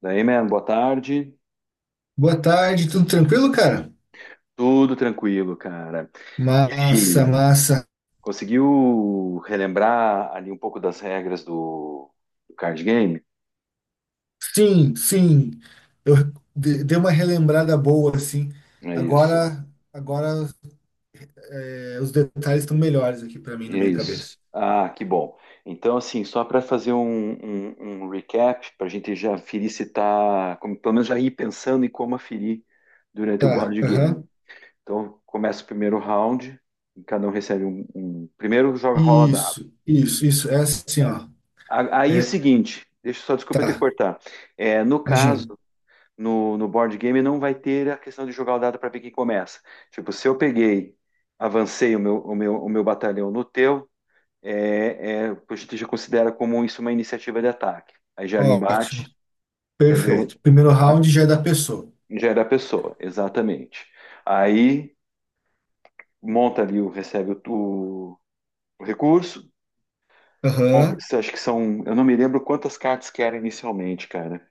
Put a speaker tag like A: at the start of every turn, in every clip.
A: Daí, man, boa tarde.
B: Boa tarde, tudo tranquilo, cara?
A: Tudo tranquilo, cara.
B: Massa,
A: E
B: massa.
A: conseguiu relembrar ali um pouco das regras do card game?
B: Sim, sim. Eu dei uma relembrada boa, assim.
A: É isso,
B: Agora, agora os detalhes estão melhores aqui para mim na
A: é
B: minha cabeça.
A: isso. Ah, que bom. Então, assim, só para fazer um recap, para a gente já ferir se tá, pelo menos já ir pensando em como aferir durante o
B: Tá,
A: board game.
B: aham.
A: Então, começa o primeiro round, e cada um recebe Primeiro joga rola dado.
B: Isso, isso, isso. É assim, ó.
A: Aí, é o
B: É,
A: seguinte, deixa eu só, desculpa eu ter que
B: tá,
A: cortar. É, no caso,
B: imagina.
A: no board game não vai ter a questão de jogar o dado para ver quem começa. Tipo, se eu peguei, avancei o meu batalhão no teu, a gente já considera como isso uma iniciativa de ataque. Aí gera o
B: Ótimo,
A: embate, entendeu?
B: perfeito. Primeiro
A: A-
B: round já é da pessoa.
A: Gera a pessoa, exatamente. Aí monta ali, recebe o, o recurso, compra,
B: Aham.
A: acho que são, eu não me lembro quantas cartas que era inicialmente, cara.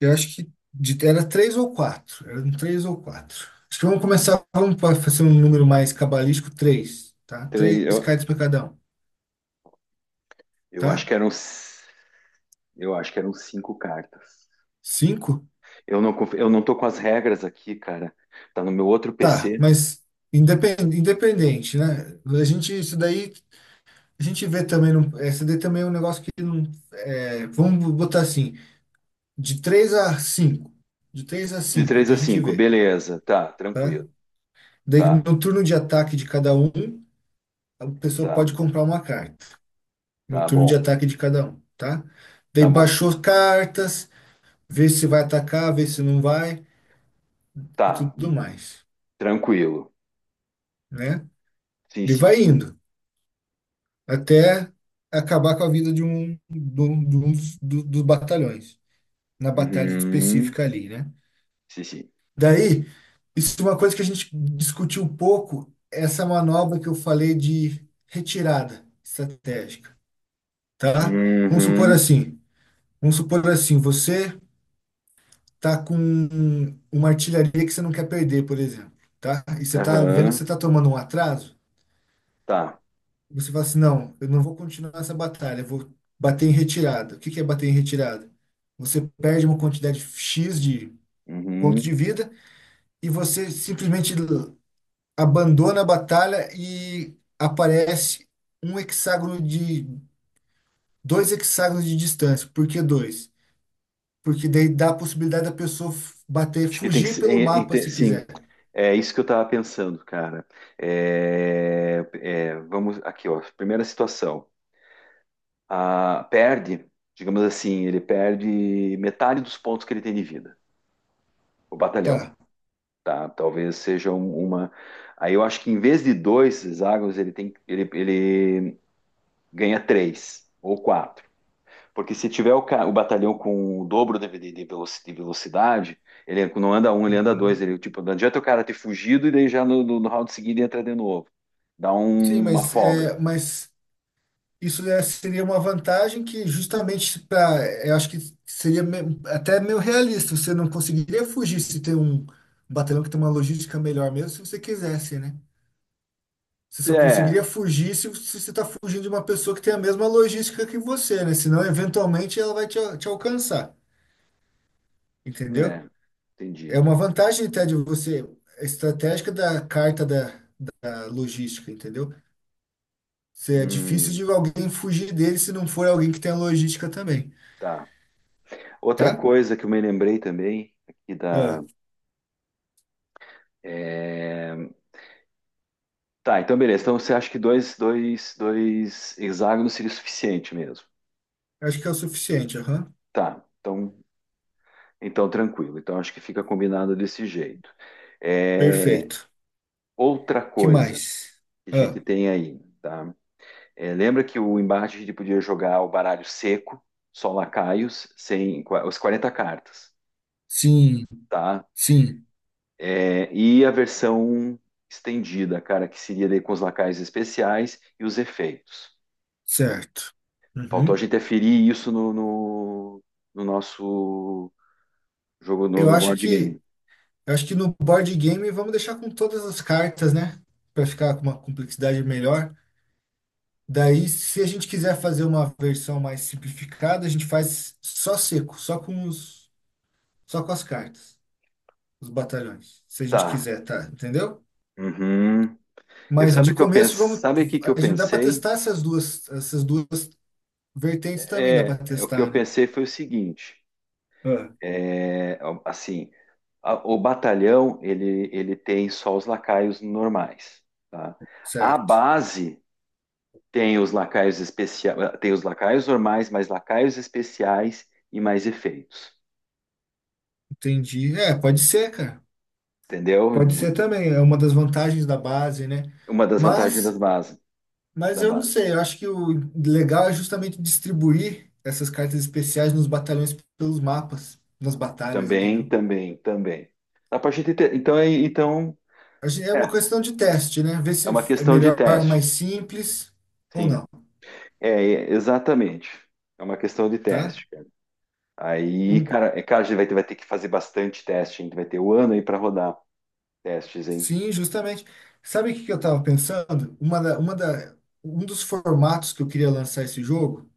B: Eu acho que era três ou quatro. Eram três ou quatro. Acho que vamos começar, vamos fazer um número mais cabalístico, três, tá? Três
A: Três, eu,
B: cards para cada um,
A: eu acho
B: tá?
A: que eram cinco cartas.
B: Cinco?
A: Eu não tô com as regras aqui, cara. Tá no meu outro
B: Tá,
A: PC.
B: mas independente, né? A gente, isso daí, a gente vê também, num, essa daí também é um negócio que não, é, vamos botar assim, de três a cinco. De três a
A: De
B: cinco,
A: 3 a
B: daí a gente
A: cinco,
B: vê,
A: beleza, tá,
B: tá?
A: tranquilo.
B: Daí
A: Tá,
B: no turno de ataque de cada um, a pessoa
A: tá,
B: pode comprar uma carta. E o
A: tá
B: turno de
A: bom,
B: ataque de cada um, tá? Daí
A: tá bom.
B: baixou cartas, vê se vai atacar, vê se não vai e
A: Tá,
B: tudo mais,
A: tranquilo.
B: né?
A: Sim,
B: E
A: sim.
B: vai indo até acabar com a vida de um dos, dos batalhões, na batalha
A: Uhum,
B: específica ali, né?
A: sim, sim.
B: Daí, isso é uma coisa que a gente discutiu um pouco, essa manobra que eu falei de retirada estratégica, tá? Vamos supor
A: Uhum,
B: assim, vamos supor assim, você tá com uma artilharia que você não quer perder, por exemplo, tá? E você tá vendo que
A: aham,
B: você tá tomando um atraso,
A: tá.
B: você fala assim, não, eu não vou continuar essa batalha, eu vou bater em retirada. O que que é bater em retirada? Você perde uma quantidade X de ponto
A: Uhum.
B: de vida e você simplesmente abandona a batalha e aparece um hexágono de dois hexágonos de distância. Por que dois? Porque daí dá a possibilidade da pessoa bater,
A: Acho que tem que
B: fugir
A: ser.
B: pelo
A: é, é,
B: mapa
A: tem-
B: se
A: sim,
B: quiser.
A: é isso que eu tava pensando, cara. Vamos aqui, ó. Primeira situação. Ah, digamos assim, ele perde metade dos pontos que ele tem de vida. O batalhão,
B: Tá.
A: tá? Talvez seja uma. Aí eu acho que em vez de dois hexágonos, ele ganha três ou quatro. Porque se tiver o batalhão com o dobro de velocidade, ele não anda um, ele anda dois. Ele, tipo, não adianta o cara ter fugido e daí já no round seguinte entra de novo. Dá
B: Sim,
A: uma
B: mas,
A: folga.
B: é, mas seria uma vantagem que justamente para, eu acho que seria até meio realista, você não conseguiria fugir se tem um batalhão que tem uma logística melhor mesmo, se você quisesse, né? Você só
A: É,
B: conseguiria fugir se, se você está fugindo de uma pessoa que tem a mesma logística que você, né? Senão, eventualmente, ela vai te, te alcançar, entendeu?
A: é,
B: É
A: entendi.
B: uma vantagem até de você, estratégica da carta da, da logística, entendeu? É difícil
A: Hum,
B: de alguém fugir dele se não for alguém que tem logística também,
A: tá. Outra
B: tá?
A: coisa que eu me lembrei também aqui
B: Ah,
A: da. é, Tá, então beleza. Então você acha que dois hexágonos seria o suficiente mesmo?
B: acho que é o suficiente, aham.
A: Tá, então tranquilo. Então acho que fica combinado desse jeito. É,
B: Perfeito.
A: outra
B: Que
A: coisa
B: mais?
A: que a
B: Ah,
A: gente tem aí, tá? É, lembra que o embate a gente podia jogar o baralho seco, só lacaios, sem os 40 cartas,
B: sim,
A: tá?
B: sim,
A: É, e a versão estendida, cara, que seria daí com os lacaios especiais e os efeitos.
B: certo.
A: Faltou a
B: Uhum.
A: gente aferir isso no nosso jogo no,
B: Eu
A: no
B: acho
A: board game.
B: que, eu acho que no board game vamos deixar com todas as cartas, né? Para ficar com uma complexidade melhor. Daí, se a gente quiser fazer uma versão mais simplificada, a gente faz só seco, só com as cartas, os batalhões. Se a gente
A: Tá.
B: quiser, tá? Entendeu?
A: Uhum. Eu,
B: Mas
A: sabe o
B: de
A: que eu
B: começo
A: pensei,
B: vamos,
A: sabe o que que eu
B: a gente dá para
A: pensei?
B: testar essas duas vertentes também dá para
A: O que eu
B: testar, né?
A: pensei foi o seguinte,
B: Ah,
A: é, assim, o batalhão ele tem só os lacaios normais, tá? A
B: certo.
A: base tem os lacaios especiais, tem os lacaios normais, mais lacaios especiais e mais efeitos,
B: Entendi. É, pode ser, cara.
A: entendeu?
B: Pode ser também, é uma das vantagens da base, né?
A: Uma das vantagens das
B: Mas,
A: bases,
B: mas
A: da
B: eu não
A: base.
B: sei, eu acho que o legal é justamente distribuir essas cartas especiais nos batalhões pelos mapas, nas batalhas,
A: Também,
B: entendeu?
A: também, também. A partir de te-
B: É
A: é,
B: uma questão de teste, né? Ver
A: é
B: se
A: uma
B: é
A: questão de
B: melhor,
A: teste.
B: mais simples ou
A: Sim,
B: não,
A: exatamente. É uma questão de
B: tá?
A: teste, cara. Aí, cara, cara, a gente vai ter que fazer bastante teste, hein? Vai ter o ano aí para rodar testes, hein?
B: Sim, justamente. Sabe o que que eu estava pensando? Um dos formatos que eu queria lançar esse jogo,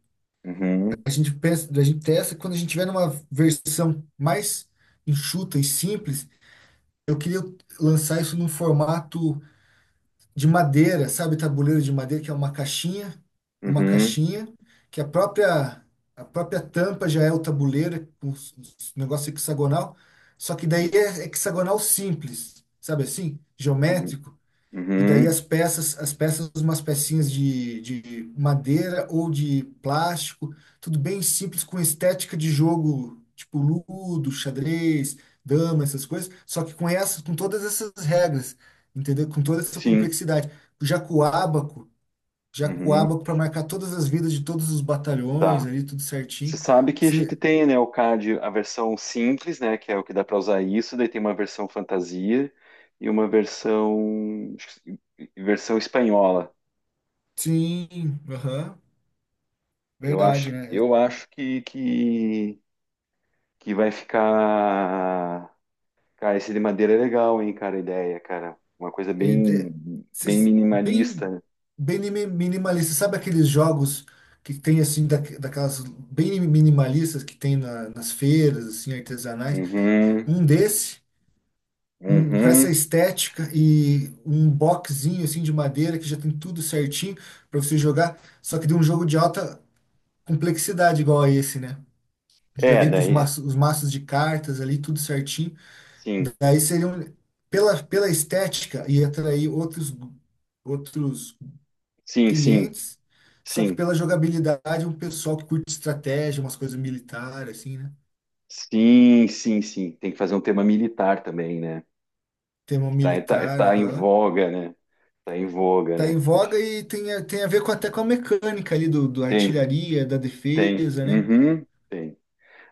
A: Uhum,
B: a gente pensa, a gente testa quando a gente tiver numa versão mais enxuta e simples, eu queria lançar isso num formato de madeira, sabe, tabuleiro de madeira, que é uma
A: uhum,
B: caixinha, que a própria tampa já é o tabuleiro, com os negócio hexagonal, só que daí é hexagonal simples, sabe assim,
A: uhum,
B: geométrico. E daí
A: uhum,
B: as peças, umas pecinhas de madeira ou de plástico, tudo bem simples, com estética de jogo, tipo ludo, xadrez, dama, essas coisas, só que com essas, com todas essas regras, entendeu? Com toda essa
A: sim,
B: complexidade. Já com o ábaco, já com o
A: uhum,
B: ábaco para marcar todas as vidas de todos os batalhões
A: tá.
B: ali, tudo certinho.
A: Você sabe que a gente
B: Se-
A: tem, né, o CAD, a versão simples, né, que é o que dá para usar isso, daí tem uma versão fantasia e uma versão espanhola.
B: sim, aham,
A: Eu
B: verdade,
A: acho,
B: né?
A: eu acho que vai ficar, cara, esse de madeira é legal, hein, cara, a ideia, cara, uma coisa
B: É,
A: bem
B: é,
A: bem
B: esses
A: minimalista,
B: bem,
A: né?
B: bem minimalista. Sabe aqueles jogos que tem assim, da, daquelas bem minimalistas que tem nas feiras, assim, artesanais?
A: Uhum,
B: Um desse, um, com essa
A: uhum.
B: estética e um boxzinho assim de madeira que já tem tudo certinho para você jogar, só que de um jogo de alta complexidade igual a esse, né? Já
A: É,
B: vem com
A: daí,
B: os maços de cartas ali, tudo certinho.
A: sim,
B: Daí seria um, pela, pela estética e atrair outros outros
A: sim, sim,
B: clientes, só que
A: sim,
B: pela jogabilidade, um pessoal que curte estratégia, umas coisas militares, assim, né?
A: sim, sim, sim. Tem que fazer um tema militar também, né?
B: Tema
A: Tá, tá,
B: militar,
A: tá em
B: aham.
A: voga, né? Tá em voga,
B: Tá em
A: né?
B: voga e tem, tem a ver com, até com a mecânica ali do, do
A: Tem,
B: artilharia, da
A: tem.
B: defesa, né?
A: Uhum, tem.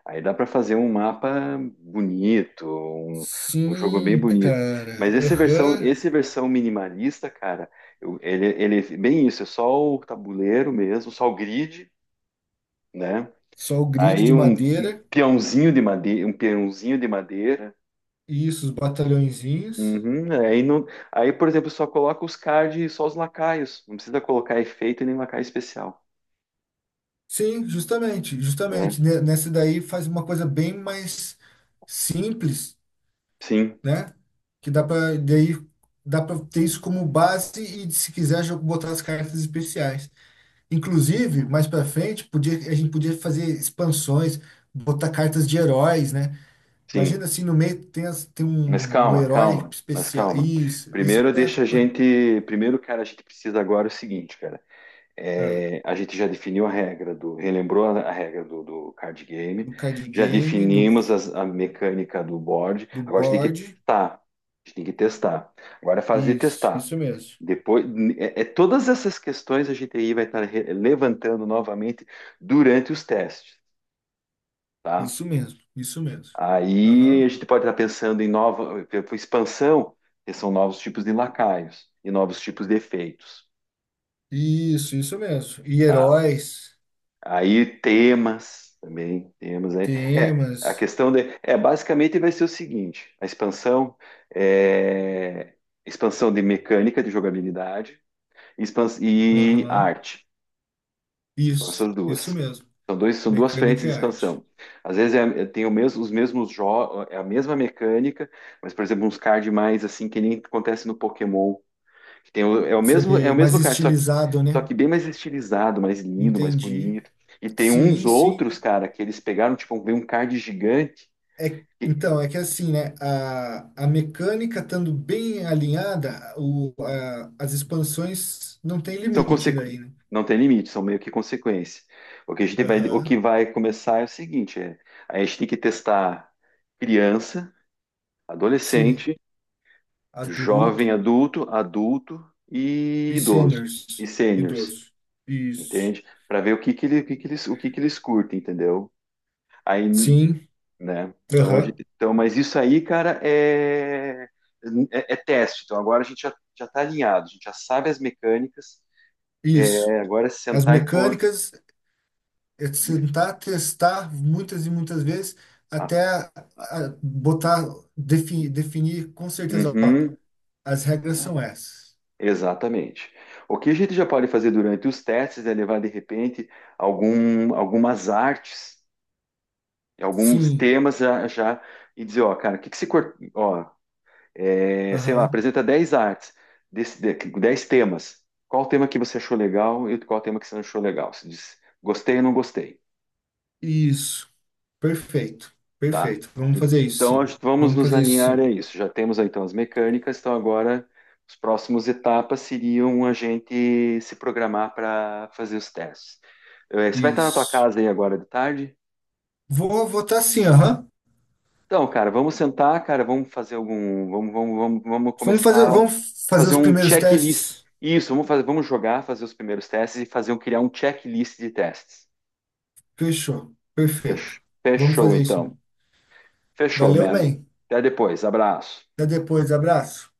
A: Aí dá para fazer um mapa bonito, um jogo bem
B: Sim,
A: bonito. Mas
B: cara.
A: essa versão,
B: Aham.
A: esse versão minimalista, cara, ele é bem isso, é só o tabuleiro mesmo, só o grid, né?
B: Só o grid
A: Aí
B: de
A: um
B: madeira.
A: peãozinho de madeira, um peãozinho de madeira.
B: Isso, os batalhõezinhos.
A: Uhum, aí, não, aí, por exemplo, só coloca os cards e só os lacaios. Não precisa colocar efeito e nem lacaio especial,
B: Sim, justamente,
A: né?
B: justamente. Nessa daí faz uma coisa bem mais simples
A: Sim,
B: né? Que dá para daí dá para ter isso como base e se quiser já botar as cartas especiais. Inclusive, mais para frente, podia a gente podia fazer expansões, botar cartas de heróis, né?
A: sim.
B: Imagina assim no meio tem, tem
A: Mas
B: um, um
A: calma,
B: herói
A: calma, mas
B: especial.
A: calma.
B: Isso
A: Primeiro
B: é,
A: deixa a gente. Primeiro, cara, a gente precisa agora é o seguinte, cara.
B: é
A: É, a gente já definiu a regra do. Relembrou a regra do card game.
B: do card
A: Já
B: game, do,
A: definimos a mecânica do board.
B: do
A: Agora a gente tem que
B: board.
A: testar. A gente tem que testar. Agora é fase de
B: Isso,
A: testar.
B: isso mesmo.
A: Depois, todas essas questões a gente aí vai estar levantando novamente durante os testes, tá?
B: Isso mesmo, isso mesmo.
A: Aí a
B: Aham.
A: gente pode estar pensando em nova expansão, que são novos tipos de lacaios e novos tipos de efeitos,
B: Isso mesmo. E
A: tá?
B: heróis,
A: Aí temas também, temas aí. É, a
B: temas.
A: questão de, é basicamente vai ser o seguinte: a expansão é expansão de mecânica de jogabilidade e
B: Aham.
A: arte. São
B: Isso,
A: essas
B: isso
A: duas.
B: mesmo.
A: São dois, são duas frentes
B: Mecânica
A: de
B: e arte.
A: expansão. Às vezes tem o mesmo, os mesmos jogos, é a mesma mecânica, mas, por exemplo, uns cards mais assim, que nem acontece no Pokémon. É o
B: Isso
A: mesmo, é o
B: aí, mais
A: mesmo card, só que,
B: estilizado,
A: só
B: né?
A: que bem mais estilizado, mais lindo, mais
B: Entendi.
A: bonito. E tem uns
B: Sim, sim.
A: outros, cara, que eles pegaram, tipo, vem um card gigante,
B: É,
A: que
B: então, é que assim, né? A, mecânica estando bem alinhada, o, a- as expansões não tem
A: são
B: limite
A: consequ...
B: daí, né?
A: não tem limite, são meio que consequência. O que a gente vai, o que
B: Aham.
A: vai começar é o seguinte, a gente tem que testar criança,
B: Sim.
A: adolescente
B: Adulto
A: jovem adulto, adulto e
B: e
A: idoso e
B: seniors.
A: seniors,
B: Idoso. Isso.
A: entende? Para ver o que que ele, o que que eles, o que que eles curtem, entendeu? Aí,
B: Sim.
A: né? Então a
B: Aham.
A: gente, então, mas isso aí, cara, é teste. Então agora a gente já já está alinhado, a gente já sabe as mecânicas.
B: Isso.
A: É, agora é
B: As
A: sentar e pôr.
B: mecânicas é
A: e-
B: tentar testar muitas e muitas vezes
A: ah,
B: até
A: ah,
B: a botar, definir, definir com certeza, ó,
A: uhum,
B: as regras são essas.
A: exatamente. O que a gente já pode fazer durante os testes é levar de repente algum, algumas artes alguns
B: Sim,
A: temas já, já e dizer, ó, cara, o que que se cor- ó, sei lá,
B: aham,
A: apresenta 10 artes, desse, de- 10 temas. Qual o tema que você achou legal e qual o tema que você não achou legal? Você diz, gostei ou não gostei,
B: isso, perfeito,
A: tá?
B: perfeito. Vamos fazer isso,
A: Então,
B: sim.
A: acho que vamos
B: Vamos
A: nos
B: fazer isso,
A: alinhar a
B: sim.
A: isso. Já temos aí, então, as mecânicas, então agora as próximas etapas seriam a gente se programar para fazer os testes. Você vai estar na tua
B: Isso.
A: casa aí agora de tarde?
B: Vou votar sim, aham.
A: Então, cara, vamos sentar, cara, vamos fazer algum, vamos começar a
B: Vamos fazer
A: fazer
B: os
A: um
B: primeiros
A: checklist.
B: testes.
A: Isso, vamos fazer, vamos jogar, fazer os primeiros testes e fazer um, criar um checklist de testes.
B: Fechou,
A: Fech-
B: perfeito. Vamos
A: Fechou,
B: fazer isso.
A: então. Fechou,
B: Valeu,
A: man.
B: man.
A: Até depois. Abraço.
B: Até depois, abraço.